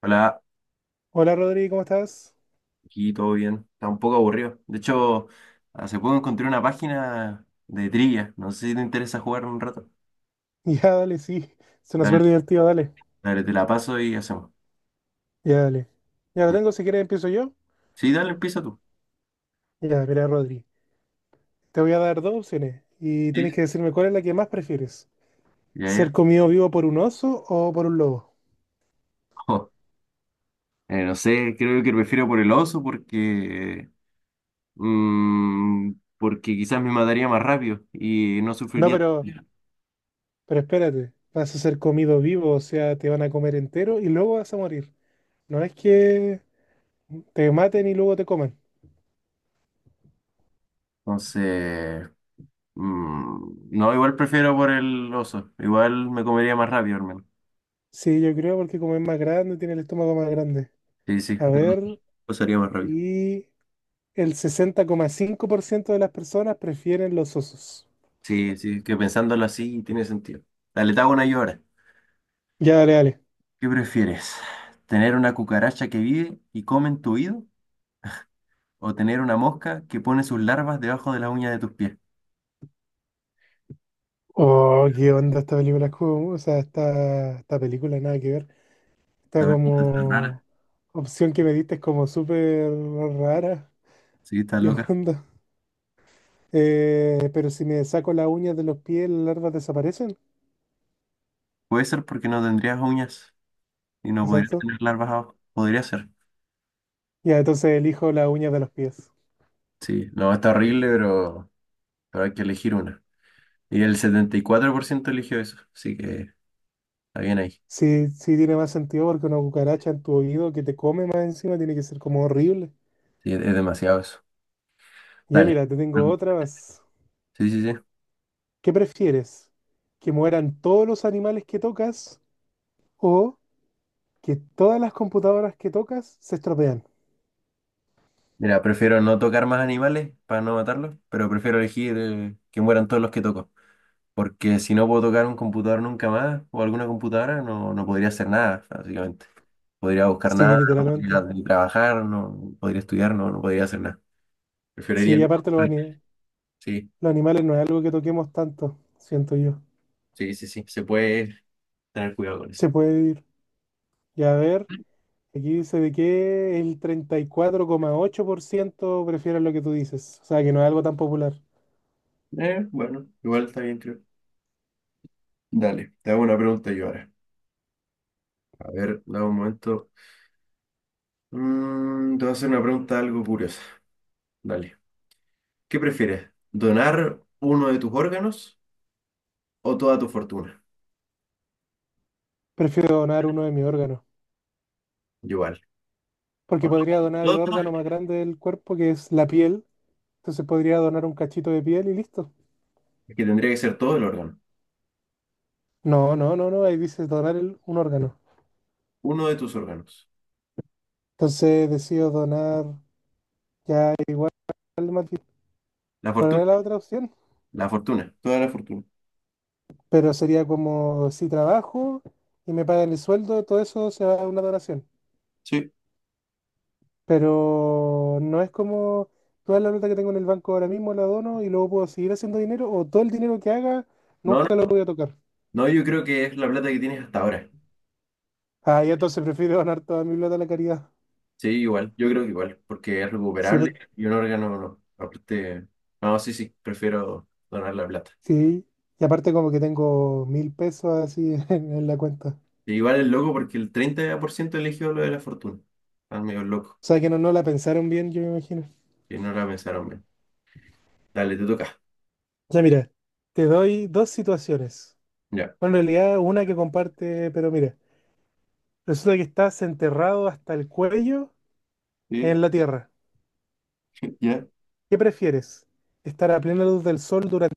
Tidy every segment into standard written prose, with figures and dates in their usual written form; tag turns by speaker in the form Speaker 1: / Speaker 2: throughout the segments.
Speaker 1: Hola,
Speaker 2: Hola Rodrigo, ¿cómo estás?
Speaker 1: aquí todo bien. Está un poco aburrido. De hecho, hace poco encontré una página de trivia. No sé si te interesa jugar un rato.
Speaker 2: Ya, dale, sí. Suena súper
Speaker 1: Dale,
Speaker 2: divertido, dale.
Speaker 1: dale, te la paso y hacemos.
Speaker 2: Ya, dale. Ya lo tengo, si quieres empiezo yo.
Speaker 1: Sí, dale, empieza tú.
Speaker 2: Ya, mira, Rodri. Te voy a dar dos opciones y
Speaker 1: Sí.
Speaker 2: tienes que decirme cuál es la que más prefieres.
Speaker 1: Ya,
Speaker 2: ¿Ser
Speaker 1: ya.
Speaker 2: comido vivo por un oso o por un lobo?
Speaker 1: No sé, creo que prefiero por el oso porque, porque quizás me mataría más rápido y no
Speaker 2: No,
Speaker 1: sufriría.
Speaker 2: pero,
Speaker 1: Ya.
Speaker 2: pero espérate. Vas a ser comido vivo, o sea, te van a comer entero y luego vas a morir. No es que te maten y luego te coman.
Speaker 1: Entonces, no, igual prefiero por el oso. Igual me comería más rápido, hermano.
Speaker 2: Sí, yo creo porque como es más grande, tiene el estómago más grande.
Speaker 1: Sí, sí,
Speaker 2: A ver,
Speaker 1: pasaría más rápido.
Speaker 2: y... el 60,5% de las personas prefieren los osos.
Speaker 1: Sí, sí, que pensándolo así tiene sentido. Dale, te hago una yo ahora.
Speaker 2: Ya, dale, dale.
Speaker 1: ¿Qué prefieres? ¿Tener una cucaracha que vive y come en tu oído? ¿O tener una mosca que pone sus larvas debajo de las uñas de tus pies?
Speaker 2: Oh, qué onda esta película, o sea, esta película nada que ver. Esta
Speaker 1: A ver, está rara.
Speaker 2: como opción que me diste es como súper rara.
Speaker 1: Sí, está
Speaker 2: ¿Qué
Speaker 1: loca.
Speaker 2: onda? Pero si me saco las uñas de los pies, las larvas desaparecen.
Speaker 1: Puede ser porque no tendrías uñas y no podrías
Speaker 2: Exacto.
Speaker 1: tener larvas abajo. Podría ser.
Speaker 2: Ya, entonces elijo las uñas de los pies.
Speaker 1: Sí, no, está horrible, pero hay que elegir una. Y el 74% eligió eso, así que está bien ahí.
Speaker 2: Sí, sí tiene más sentido porque una cucaracha en tu oído que te come más encima tiene que ser como horrible.
Speaker 1: Sí, es demasiado eso.
Speaker 2: Ya,
Speaker 1: Dale.
Speaker 2: mira, te tengo otra más.
Speaker 1: Sí, sí, sí.
Speaker 2: ¿Qué prefieres? ¿Que mueran todos los animales que tocas o que todas las computadoras que tocas se estropean?
Speaker 1: Mira, prefiero no tocar más animales para no matarlos, pero prefiero elegir que mueran todos los que toco. Porque si no puedo tocar un computador nunca más o alguna computadora, no, no podría hacer nada, básicamente. Podría buscar
Speaker 2: Sí,
Speaker 1: nada, no podría
Speaker 2: literalmente.
Speaker 1: ni trabajar, no podría estudiar, no, no podría hacer nada.
Speaker 2: Sí,
Speaker 1: Preferiría
Speaker 2: y
Speaker 1: no.
Speaker 2: aparte
Speaker 1: Sí,
Speaker 2: los animales no es algo que toquemos tanto, siento yo.
Speaker 1: sí, sí, sí. Se puede tener cuidado con eso.
Speaker 2: Se puede vivir. Y a ver, aquí dice de que el 34,8% prefieren lo que tú dices. O sea, que no es algo tan popular.
Speaker 1: Bueno, igual está bien, creo. Dale, te hago una pregunta yo ahora. A ver, dame un momento. Te voy a hacer una pregunta algo curiosa. Dale. ¿Qué prefieres? ¿Donar uno de tus órganos o toda tu fortuna?
Speaker 2: Prefiero donar uno de mis órganos,
Speaker 1: Igual. O
Speaker 2: porque podría donar
Speaker 1: no,
Speaker 2: el
Speaker 1: todo.
Speaker 2: órgano más grande del cuerpo, que es la piel. Entonces podría donar un cachito de piel y listo.
Speaker 1: Es que tendría que ser todo el órgano.
Speaker 2: No, no, no, no, ahí dice donar un órgano.
Speaker 1: Uno de tus órganos.
Speaker 2: Entonces decido donar ya igual más bien.
Speaker 1: La
Speaker 2: ¿Cuál
Speaker 1: fortuna.
Speaker 2: era la otra opción?
Speaker 1: La fortuna. Toda la fortuna.
Speaker 2: Pero sería como si trabajo y me pagan el sueldo, todo eso se va a una donación.
Speaker 1: Sí.
Speaker 2: Pero no es como toda la plata que tengo en el banco ahora mismo la dono y luego puedo seguir haciendo dinero o todo el dinero que haga
Speaker 1: No,
Speaker 2: nunca
Speaker 1: no,
Speaker 2: lo
Speaker 1: no.
Speaker 2: voy a tocar.
Speaker 1: No, yo creo que es la plata que tienes hasta ahora.
Speaker 2: Ah, y entonces prefiero donar toda mi plata a la caridad.
Speaker 1: Sí, igual. Yo creo que igual. Porque es
Speaker 2: Sí,
Speaker 1: recuperable
Speaker 2: porque
Speaker 1: y un órgano no. Aparte. No, sí, sí. Prefiero donar la plata.
Speaker 2: Sí, y aparte como que tengo 1.000 pesos así en la cuenta. O
Speaker 1: E igual es loco porque el 30% eligió lo de la fortuna. Están medio loco.
Speaker 2: sea que no, no la pensaron bien, yo me imagino.
Speaker 1: Que no la pensaron bien. Dale, te toca.
Speaker 2: Ya mira, te doy dos situaciones.
Speaker 1: Ya.
Speaker 2: Bueno, en realidad una que comparte, pero mira, resulta que estás enterrado hasta el cuello
Speaker 1: Sí,
Speaker 2: en la tierra.
Speaker 1: ya.
Speaker 2: ¿Qué prefieres? ¿Estar a plena luz del sol durante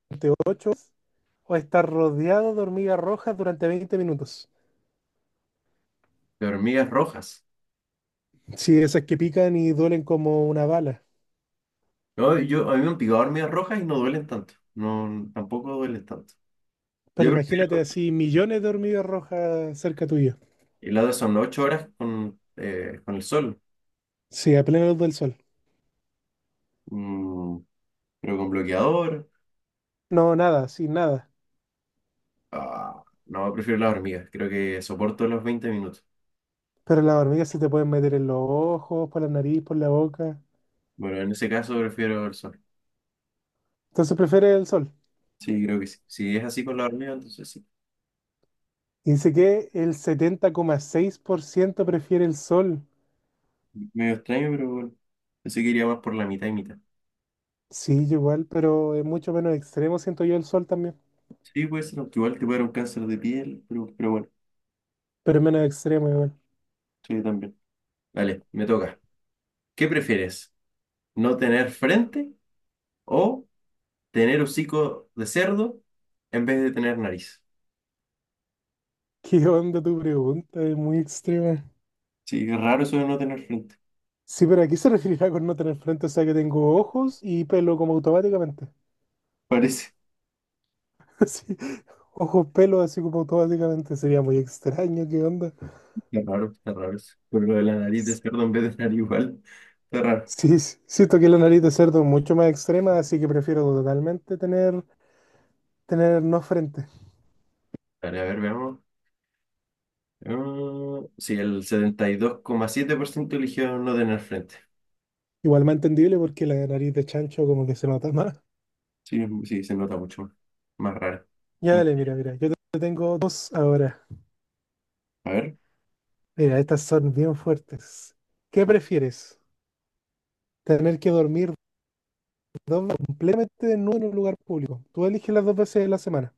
Speaker 2: 8 horas o estar rodeado de hormigas rojas durante 20 minutos?
Speaker 1: De hormigas rojas.
Speaker 2: Sí, esas que pican y duelen como una bala.
Speaker 1: No, yo, a mí me han picado hormigas rojas y no duelen tanto. No, tampoco duelen tanto.
Speaker 2: Pero
Speaker 1: Yo
Speaker 2: imagínate
Speaker 1: prefiero,
Speaker 2: así millones de hormigas rojas cerca tuyo.
Speaker 1: y la otras son 8 horas con el sol.
Speaker 2: Sí, a plena luz del sol.
Speaker 1: Mm, pero con bloqueador.
Speaker 2: No, nada, sin nada.
Speaker 1: Ah, no, prefiero las hormigas. Creo que soporto los 20 minutos.
Speaker 2: Pero las hormigas se te pueden meter en los ojos, por la nariz, por la boca.
Speaker 1: Bueno, en ese caso prefiero el sol.
Speaker 2: Entonces prefiere el sol.
Speaker 1: Sí, creo que sí. Si es así con las hormigas, entonces sí.
Speaker 2: Y dice que el 70,6% prefiere el sol.
Speaker 1: Medio extraño, pero bueno. Pensé que iría más por la mitad y mitad.
Speaker 2: Sí, yo igual, pero es mucho menos extremo, siento yo el sol también.
Speaker 1: Sí, puede ser, aunque igual te puede dar un cáncer de piel, pero bueno,
Speaker 2: Pero es menos extremo igual.
Speaker 1: sí, también. Vale, me toca. ¿Qué prefieres? ¿No tener frente o tener hocico de cerdo en vez de tener nariz?
Speaker 2: ¿Qué onda tu pregunta? Es muy extrema.
Speaker 1: Sí, es raro eso de no tener frente.
Speaker 2: Sí, pero aquí se referirá con no tener frente, o sea que tengo ojos y pelo como automáticamente.
Speaker 1: Parece.
Speaker 2: Sí, ojos, pelo así como automáticamente. Sería muy extraño, ¿qué onda?
Speaker 1: Qué raro, está raro eso. Pero lo de la nariz de cerdo en vez de nariz igual. Está raro.
Speaker 2: Sí, siento que la nariz de cerdo es mucho más extrema, así que prefiero totalmente tener no frente.
Speaker 1: Vale, a ver, veamos. Ah, sí, el 72,7% eligió no tener frente.
Speaker 2: Igual más entendible porque la nariz de chancho como que se nota más.
Speaker 1: Sí, sí, se nota mucho más, más raro.
Speaker 2: Ya
Speaker 1: Y,
Speaker 2: dale, mira, mira, yo te tengo dos ahora.
Speaker 1: a ver.
Speaker 2: Mira, estas son bien fuertes. ¿Qué
Speaker 1: Ah,
Speaker 2: prefieres? ¿Tener que dormir dos veces completamente desnudo en un lugar público? Tú eliges las dos veces de la semana.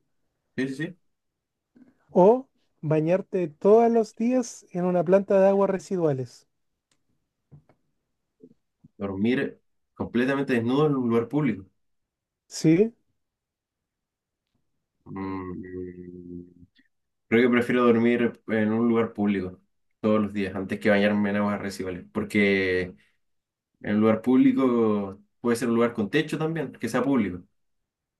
Speaker 1: sí, sí, sí.
Speaker 2: ¿O bañarte todos los días en una planta de aguas residuales?
Speaker 1: Dormir completamente desnudo en un lugar público.
Speaker 2: Sí,
Speaker 1: Mm, Creo que prefiero dormir en un lugar público todos los días antes que bañarme en aguas residuales, porque en un lugar público puede ser un lugar con techo también, que sea público,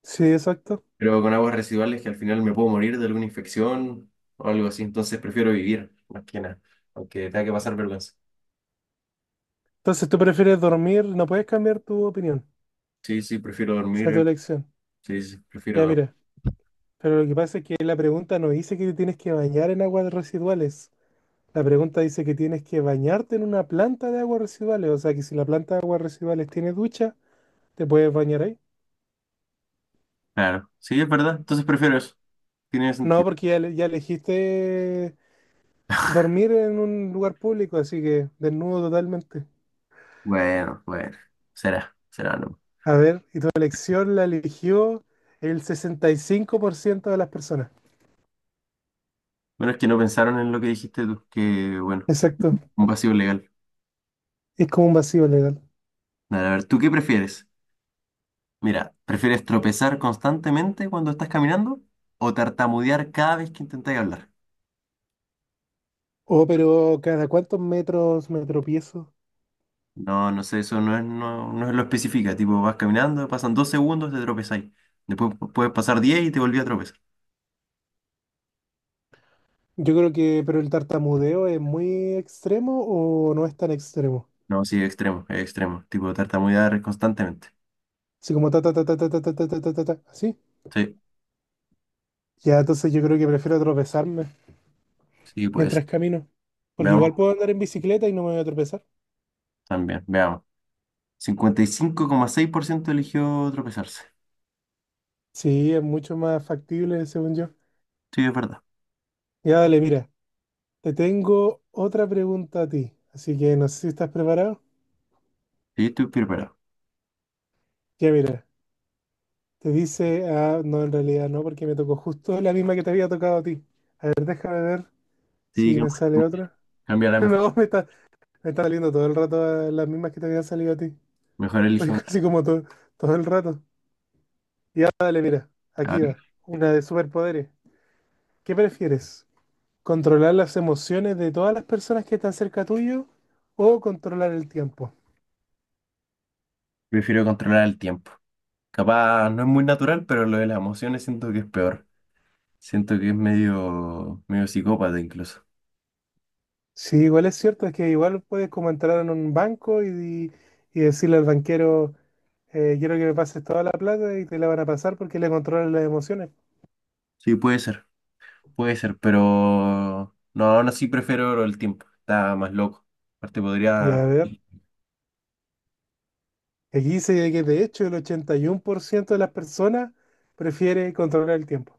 Speaker 2: sí, exacto.
Speaker 1: pero con aguas residuales que al final me puedo morir de alguna infección o algo así, entonces prefiero vivir más que nada, aunque tenga que pasar vergüenza.
Speaker 2: Entonces tú prefieres dormir, no puedes cambiar tu opinión.
Speaker 1: Sí, sí, prefiero
Speaker 2: Esa
Speaker 1: dormir,
Speaker 2: es tu elección.
Speaker 1: Sí, sí, prefiero
Speaker 2: Ya
Speaker 1: dormir.
Speaker 2: mira, pero lo que pasa es que la pregunta no dice que te tienes que bañar en aguas residuales. La pregunta dice que tienes que bañarte en una planta de aguas residuales. O sea que si la planta de aguas residuales tiene ducha, te puedes bañar ahí.
Speaker 1: Claro, sí, es verdad, entonces prefiero eso, tiene
Speaker 2: No,
Speaker 1: sentido.
Speaker 2: porque ya, ya elegiste dormir en un lugar público, así que desnudo totalmente.
Speaker 1: Bueno, bueno, será, será no.
Speaker 2: A ver, y tu elección la eligió el 65% de las personas.
Speaker 1: Bueno, es que no pensaron en lo que dijiste tú, que bueno,
Speaker 2: Exacto.
Speaker 1: un vacío legal.
Speaker 2: Es como un vacío legal.
Speaker 1: Vale, a ver, ¿tú qué prefieres? Mira, ¿prefieres tropezar constantemente cuando estás caminando o tartamudear cada vez que intentas hablar?
Speaker 2: Oh, pero ¿cada cuántos metros me tropiezo?
Speaker 1: No, no sé, eso no es, no, no es lo especifica. Tipo, vas caminando, pasan 2 segundos, te tropezáis. Después puedes pasar 10 y te volví a tropezar.
Speaker 2: Yo creo pero el tartamudeo es muy extremo o no es tan extremo.
Speaker 1: No, sí, es extremo, es extremo. Tipo, tartamudear constantemente.
Speaker 2: Así como ta ta ta ta ta ta ta ta ta ta ta, ta, así.
Speaker 1: Sí,
Speaker 2: Ya, entonces yo creo que prefiero tropezarme
Speaker 1: sí, pues.
Speaker 2: mientras camino. Porque
Speaker 1: Veamos,
Speaker 2: igual puedo andar en bicicleta y no me voy a tropezar.
Speaker 1: también, veamos. 55,6% eligió tropezarse.
Speaker 2: Sí, es mucho más factible, según yo.
Speaker 1: Sí, es verdad.
Speaker 2: Ya, dale, mira. Te tengo otra pregunta a ti. Así que no sé si estás preparado.
Speaker 1: Sí, estoy preparado.
Speaker 2: Ya, mira. Te dice, ah, no, en realidad no, porque me tocó justo la misma que te había tocado a ti. A ver, déjame ver si
Speaker 1: Sí,
Speaker 2: me sale otra.
Speaker 1: cambia la mejor.
Speaker 2: No, me está, me está saliendo todo el rato las mismas que te habían salido a ti.
Speaker 1: Mejor
Speaker 2: Pues
Speaker 1: elige una.
Speaker 2: casi como todo el rato. Y ahora dale, mira,
Speaker 1: A
Speaker 2: aquí
Speaker 1: ver.
Speaker 2: va. Una de superpoderes. ¿Qué prefieres? ¿Controlar las emociones de todas las personas que están cerca tuyo o controlar el tiempo?
Speaker 1: Prefiero controlar el tiempo. Capaz no es muy natural, pero lo de las emociones siento que es peor. Siento que es medio, medio psicópata incluso.
Speaker 2: Sí, igual es cierto, es que igual puedes como entrar en un banco y decirle al banquero, quiero que me pases toda la plata y te la van a pasar porque le controlan las emociones.
Speaker 1: Sí, puede ser, pero no, aún así prefiero lo del tiempo. Está más loco. Aparte
Speaker 2: Y
Speaker 1: podría...
Speaker 2: a ver, aquí dice que de hecho el 81% de las personas prefiere controlar el tiempo.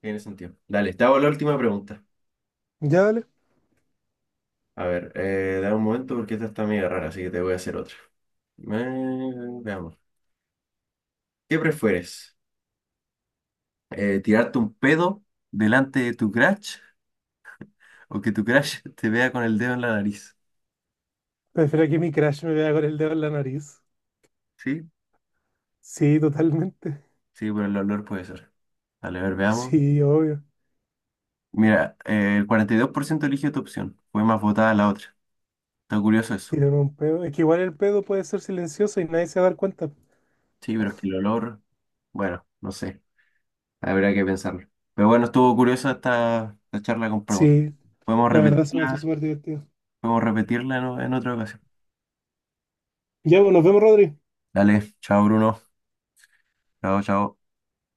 Speaker 1: Tiene sentido. Dale, te hago la última pregunta.
Speaker 2: Ya vale.
Speaker 1: A ver, dame un momento porque esta está medio rara, así que te voy a hacer otra. Veamos. ¿Qué prefieres? ¿Tirarte un pedo delante de tu crush o que tu crush te vea con el dedo en la nariz?
Speaker 2: Prefiero que mi crush me vea con el dedo en la nariz.
Speaker 1: Sí.
Speaker 2: Sí, totalmente.
Speaker 1: Sí, por el olor puede ser. Vale, a ver, veamos.
Speaker 2: Sí, obvio.
Speaker 1: Mira, el 42% eligió tu opción. Fue más votada la otra. Está curioso eso.
Speaker 2: Tiraron un pedo. Es que igual el pedo puede ser silencioso y nadie se va a dar cuenta.
Speaker 1: Sí, pero es que el olor, bueno, no sé. Habrá que pensarlo. Pero bueno, estuvo curiosa esta, esta charla con preguntas.
Speaker 2: Sí,
Speaker 1: Podemos
Speaker 2: la verdad se me hace
Speaker 1: repetirla,
Speaker 2: súper divertido.
Speaker 1: podemos repetirla en otra ocasión.
Speaker 2: Ya, pues nos vemos, Rodri.
Speaker 1: Dale, chao Bruno. Chao, chao.